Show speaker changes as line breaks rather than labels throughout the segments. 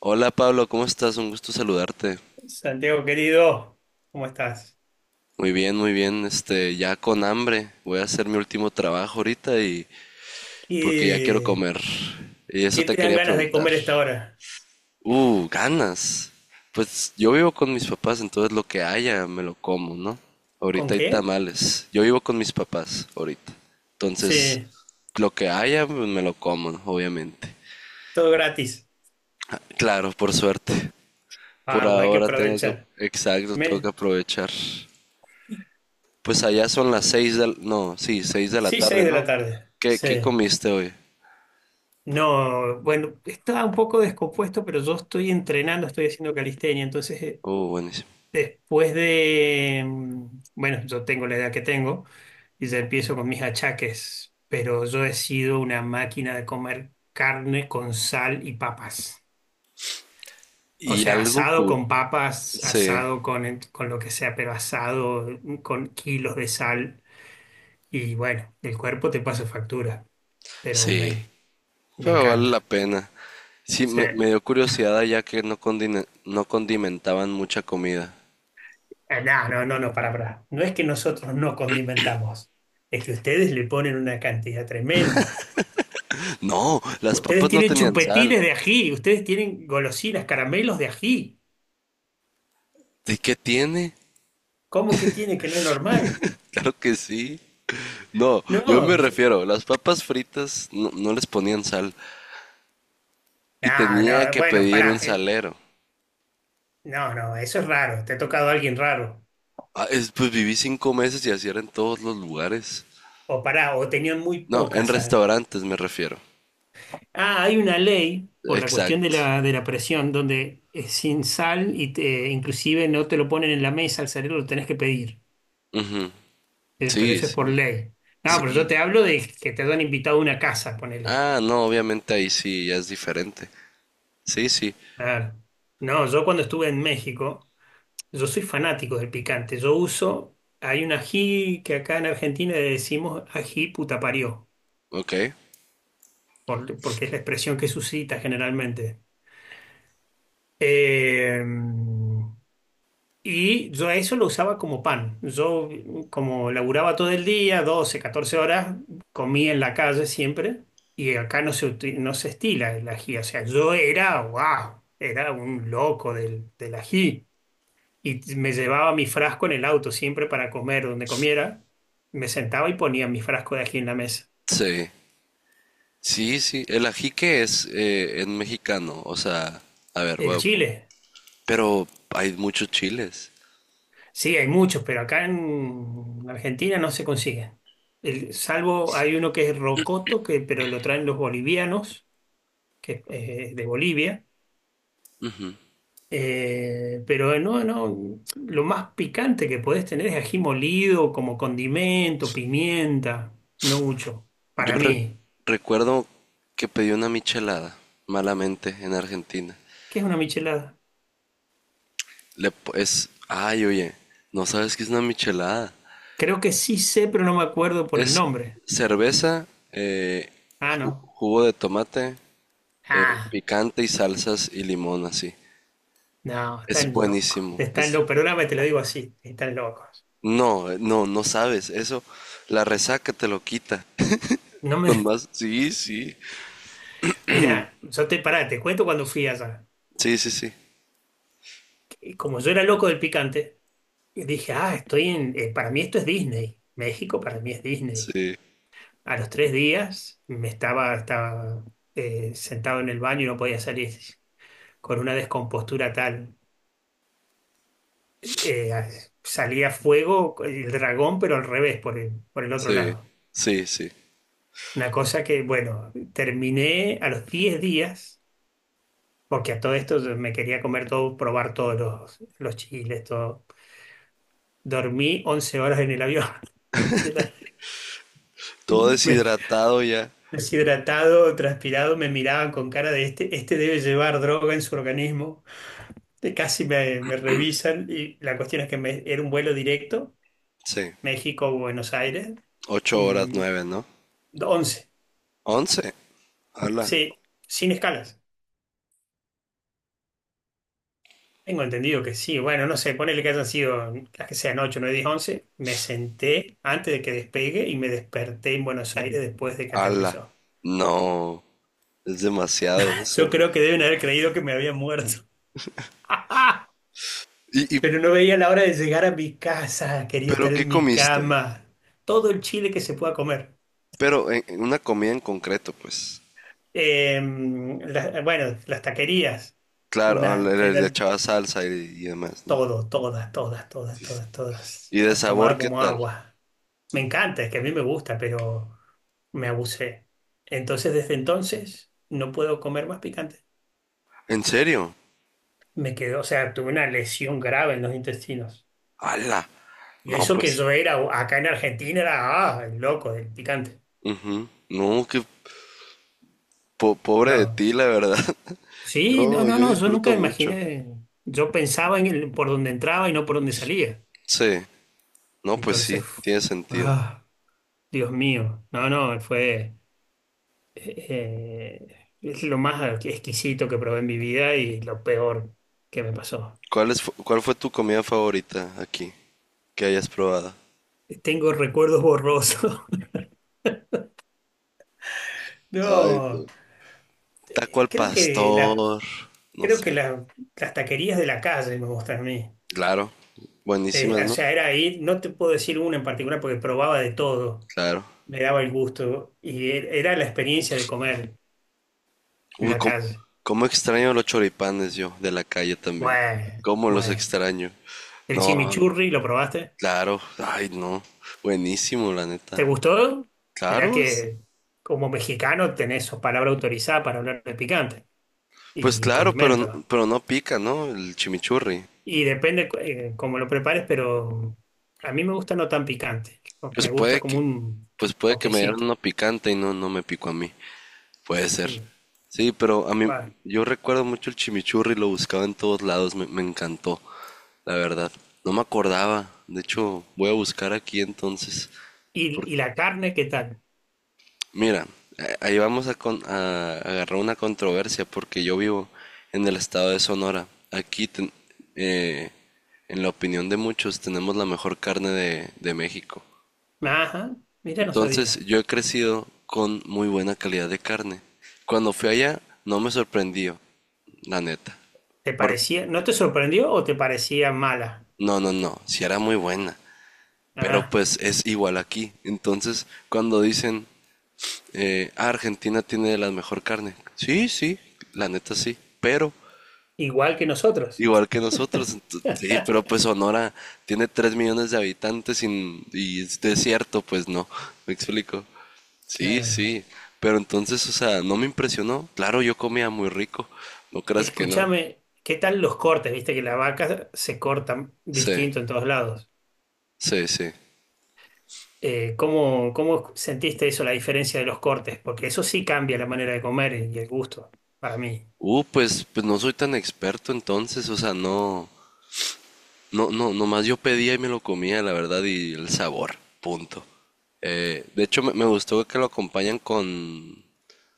Hola Pablo, ¿cómo estás? Un gusto saludarte.
Santiago querido, ¿cómo estás?
Muy bien, muy bien. Este, ya con hambre. Voy a hacer mi último trabajo ahorita y porque ya quiero
¿Qué,
comer. Y eso
qué
te
te dan
quería
ganas de
preguntar.
comer a esta hora?
Ganas. Pues yo vivo con mis papás, entonces lo que haya me lo como, ¿no?
¿Con
Ahorita hay
qué?
tamales. Yo vivo con mis papás ahorita. Entonces,
Sí,
lo que haya pues, me lo como, obviamente.
todo gratis.
Ah, claro, por suerte. Por
Vamos, hay que
ahora tengo que...
aprovechar.
Exacto, tengo que
Me-
aprovechar. Pues allá son las seis de, no, sí, seis de la
Sí,
tarde,
seis de la
¿no?
tarde.
¿Qué, qué
Sí.
comiste hoy?
No, bueno, estaba un poco descompuesto, pero yo estoy entrenando, estoy haciendo calistenia, entonces
Oh, buenísimo.
después de, bueno, yo tengo la edad que tengo y ya empiezo con mis achaques, pero yo he sido una máquina de comer carne con sal y papas. O
Y
sea,
algo
asado
cool.
con papas,
Sí,
asado con lo que sea, pero asado con kilos de sal. Y bueno, el cuerpo te pasa factura, pero
sí,
me
pero vale la
encanta.
pena. Sí,
Sí.
me dio curiosidad ya que no, no condimentaban mucha comida.
No, no, no, no, para, para. No es que nosotros no condimentamos, es que ustedes le ponen una cantidad tremenda.
No, las
Ustedes
papas no
tienen
tenían sal.
chupetines de ají, ustedes tienen golosinas, caramelos de ají.
¿De qué tiene?
¿Cómo que tiene que no es normal?
Claro que sí. No, yo me
No,
refiero, las papas fritas no, no les ponían sal y
no,
tenía
no,
que
bueno,
pedir un
pará.
salero.
No, no, eso es raro. Te ha tocado alguien raro.
Pues viví 5 meses y así era en todos los lugares.
O pará, o tenían muy
No,
poca
en
sal.
restaurantes me refiero.
Ah, hay una ley por la cuestión de
Exacto.
la, de la presión donde es sin sal y te, inclusive no te lo ponen en la mesa al salir, lo tenés que pedir.
Ujú.
Pero
Sí,
eso es por
sí,
ley. No, pero
sí.
yo te hablo de que te han invitado a una casa, ponele.
Ah, no, obviamente ahí sí, ya es diferente. Sí, sí,
Claro. No, yo cuando estuve en México, yo soy fanático del picante. Yo uso, hay un ají que acá en Argentina le decimos ají puta parió,
ok.
porque es la expresión que suscita generalmente. Eh, Y yo a eso lo usaba como pan. Yo, como laburaba todo el día, 12 14 horas, comía en la calle siempre. Y acá no se estila el ají. O sea, yo era, wow, era un loco del ají. Y me llevaba mi frasco en el auto siempre para comer donde comiera. Me sentaba y ponía mi frasco de ají en la mesa.
Sí, sí, sí. El ajique es en mexicano, o sea, a ver, voy
El
a buscar.
chile,
Pero hay muchos chiles.
sí, hay muchos, pero acá en Argentina no se consigue. Salvo hay uno que es rocoto, pero lo traen los bolivianos que es, de Bolivia. Pero no, no, lo más picante que podés tener es ají molido como condimento, pimienta, no mucho.
Yo
Para
re-
mí,
Recuerdo que pedí una michelada, malamente, en Argentina.
¿qué es una michelada?
Es, ay, oye, ¿no sabes qué es una michelada?
Creo que sí sé, pero no me acuerdo por el
Es
nombre.
cerveza,
Ah, no.
jugo de tomate,
Ah,
picante y salsas y limón así.
no,
Es
están locos.
buenísimo.
Están
Es
locos, perdóname, te lo digo así, están locos.
no, no, no sabes eso. La resaca te lo quita.
No me.
Con más, sí, sí,
Mirá, yo te pará, te cuento cuando fui allá.
sí, sí, sí,
Que Como yo era loco del picante, dije, ah, estoy en. Para mí esto es Disney. México para mí es Disney.
sí,
A los 3 días estaba sentado en el baño y no podía salir con una descompostura tal. Eh, Salía fuego el dragón, pero al revés, por el, otro
sí,
lado.
sí, sí.
Una cosa que, bueno, terminé a los 10 días, porque a todo esto yo me quería comer todo, probar todos los chiles, todo. Dormí 11 horas en el avión. De la-
Todo
me-
deshidratado ya.
Deshidratado, transpirado, me miraban con cara de este, este debe llevar droga en su organismo. De casi me revisan y la cuestión es que era un vuelo directo,
Sí.
México-Buenos Aires,
Ocho horas,
mm,
nueve, ¿no?
11,
Once. Ala,
sí, sin escalas. Tengo entendido que sí, bueno, no sé, ponele que hayan sido las que sean 8 9 10 11 me senté antes de que despegue y me desperté en Buenos Aires después de que
ala.
aterrizó.
No. Es demasiado
Yo
eso.
creo que deben haber creído que me había muerto.
Y, y,
Pero no veía la hora de llegar a mi casa, quería
¿Pero
estar
qué
en mi
comiste?
cama, todo el chile que se pueda comer.
Pero en una comida en concreto, pues.
Eh, bueno, las taquerías,
Claro, ah,
unas que
le
eran
echaba salsa y demás, ¿no?
todo, todas, todas, todas, todas, todas.
¿Y de
Las tomaba
sabor qué
como
tal?
agua. Me encanta, es que a mí me gusta, pero me abusé. Entonces, desde entonces, no puedo comer más picante.
¿En serio?
Me quedó, o sea, tuve una lesión grave en los intestinos.
¡Hala!
Y
No,
eso
pues.
que yo era, acá en Argentina, era, ah, el loco del picante.
Ujú. No, qué pobre de
No.
ti, la verdad.
Sí, no, no,
Yo
no, yo nunca
disfruto mucho.
imaginé. Yo pensaba en por donde entraba y no por donde salía.
Sí. No, pues
Entonces,
sí,
uf,
tiene sentido.
ah, Dios mío, no, no, fue es lo más exquisito que probé en mi vida y lo peor que me pasó.
¿Cuál es, cuál fue tu comida favorita aquí que hayas probado?
Tengo recuerdos borrosos.
Ay,
No,
Dios. Taco
eh,
al
creo que la,
pastor. No
creo que
sé.
la- las taquerías de la calle me gustan a mí.
Claro.
Eh,
Buenísimas,
o
¿no?
sea, era ahí no te puedo decir una en particular porque probaba de todo,
Claro.
me daba el gusto y era la experiencia de comer en
Uy,
la calle.
cómo extraño los choripanes yo, de la calle también.
Bueno,
Cómo los
bueno.
extraño.
¿El
No,
chimichurri lo probaste?
claro, ay no, buenísimo la neta.
¿Te gustó? Mirá
Claro, es-
que como mexicano tenés sos palabra autorizada para hablar de picante
pues
y
claro, pero,
condimentos.
pero no pica, ¿no? El chimichurri.
Y depende cómo lo prepares, pero a mí me gusta no tan picante.
Pues
Me
puede
gusta como
que,
un
pues puede que me dieran
toquecito.
uno picante y no, no me picó a mí. Puede ser.
Y,
Sí, pero a mí,
capaz-
yo recuerdo mucho el chimichurri, lo buscaba en todos lados, me encantó, la verdad. No me acordaba, de hecho, voy a buscar aquí entonces,
y,
porque
y la carne, ¿qué tal?
mira, ahí vamos a, a agarrar una controversia porque yo vivo en el estado de Sonora. Aquí, eh, en la opinión de muchos, tenemos la mejor carne de México.
Ajá, mira, no sabía.
Entonces, yo he crecido con muy buena calidad de carne. Cuando fui allá, no me sorprendió, la neta.
¿Te
Por...
parecía, no te sorprendió o te parecía mala?
No, no, no, si era muy buena. Pero
Ah,
pues es igual aquí. Entonces, cuando dicen, "Ah, Argentina tiene la mejor carne. Sí, sí, la neta sí, pero
igual que nosotros.
igual que nosotros. Sí, pero pues Sonora tiene 3 millones de habitantes y es desierto, pues no, me explico. Sí,
Claro.
sí, pero entonces, o sea, no me impresionó. Claro, yo comía muy rico, no creas que no.
Escúchame, ¿qué tal los cortes? Viste que las vacas se cortan
Sí,
distinto en todos lados.
sí, sí.
¿Cómo sentiste eso, la diferencia de los cortes? Porque eso sí cambia la manera de comer y el gusto, para mí.
Pues, pues no soy tan experto entonces, o sea, no, no, no, nomás yo pedía y me lo comía, la verdad, y el sabor, punto. De hecho, me gustó que lo acompañan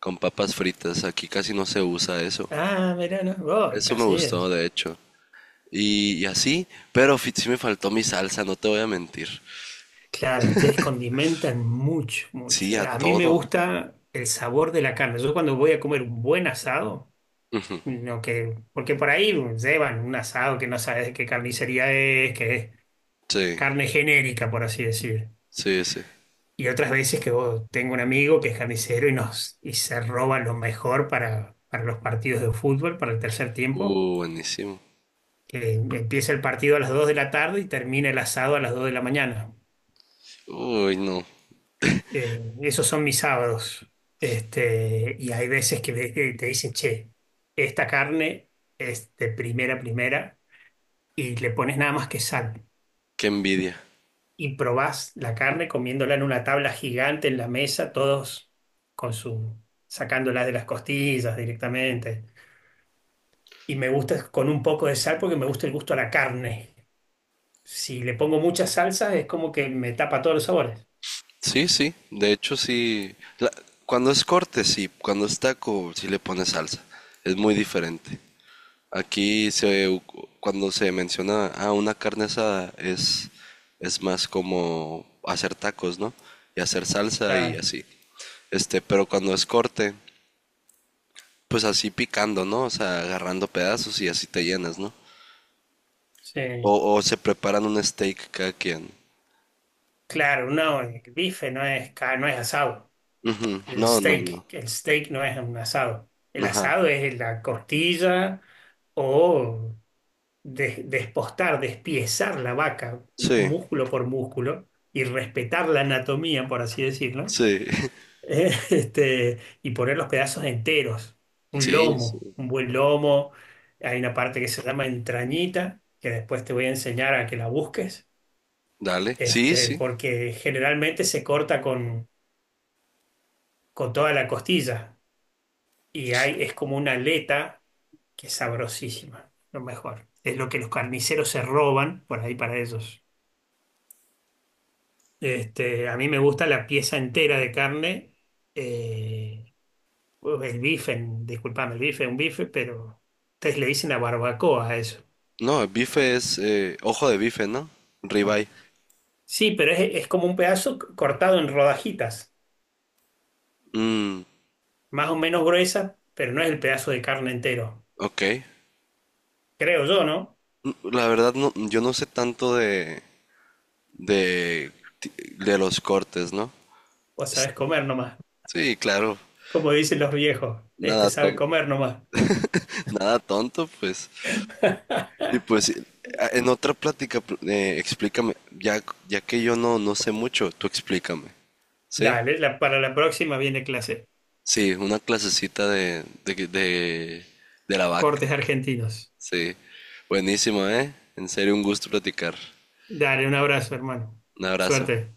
con papas fritas. Aquí casi no se usa eso.
Ah, mirá, no, vos,
Eso
acá
me
sí
gustó,
es.
de hecho. Y así, pero sí me faltó mi salsa, no te voy a mentir.
Claro, ustedes condimentan mucho,
Sí,
mucho.
a
A mí me
todo.
gusta el sabor de la carne. Yo cuando voy a comer un buen asado, no que, porque por ahí llevan un asado que no sabes de qué carnicería es, que es
Sí,
carne genérica, por así decir.
sí, sí.
Y otras veces que tengo un amigo que es carnicero y se roba lo mejor para los partidos de fútbol, para el tercer tiempo,
Buenísimo.
que empieza el partido a las 2 de la tarde y termina el asado a las 2 de la mañana.
Uy, no,
Esos son mis sábados. Este, y hay veces que te dicen, che, esta carne es de primera, primera, y le pones nada más que sal.
qué envidia.
Y probás la carne comiéndola en una tabla gigante en la mesa, todos con su sacándola de las costillas directamente. Y me gusta con un poco de sal porque me gusta el gusto a la carne. Si le pongo mucha salsa es como que me tapa todos los sabores.
Sí, sí, de hecho sí. Cuando es corte, sí, cuando es taco, sí le pones salsa. Es muy diferente. Aquí se, u- cuando se menciona a una carne asada es más como hacer tacos, ¿no? Y hacer salsa y
Claro,
así. Este, pero cuando es corte, pues así picando, ¿no? O sea, agarrando pedazos y así te llenas, ¿no?
sí.
O se preparan un steak cada quien.
Claro, no, el bife no es asado.
Ujú.
El
No, no,
steak,
no.
el steak no es un asado. El
Ajá.
asado es la costilla o despostar, despiezar la vaca
Sí,
músculo por músculo y respetar la anatomía, por así decirlo,
sí,
este, y poner los pedazos enteros, un
sí, sí.
lomo, un buen lomo, hay una parte que se llama entrañita, que después te voy a enseñar a que la busques,
Dale, sí,
este,
sí.
porque generalmente se corta con, toda la costilla y hay, es como una aleta que es sabrosísima, lo mejor. Es lo que los carniceros se roban por ahí para ellos. Este, a mí me gusta la pieza entera de carne. eh, el bife, disculpame, el bife es un bife, pero ustedes le dicen a barbacoa a eso.
No, el bife es ojo de bife, ¿no? Ribeye.
Sí, pero es como un pedazo cortado en rodajitas,
Mm,
más o menos gruesas, pero no es el pedazo de carne entero.
ok.
Creo yo, ¿no?
La verdad, no, yo no sé tanto de, ti- de los cortes, ¿no?
Vos
Es-
sabés comer nomás.
Sí, claro.
Como dicen los viejos, este
Nada
sabe
tonto.
comer nomás.
Nada tonto, pues. Y pues, en otra plática, explícame. Ya, ya que yo no, no sé mucho, tú explícame. ¿Sí?
Dale, para la próxima viene clase.
Sí, una clasecita de la vaca.
Cortes argentinos.
Sí. Buenísimo, ¿eh? En serio, un gusto platicar.
Dale, un abrazo, hermano.
Un abrazo.
Suerte.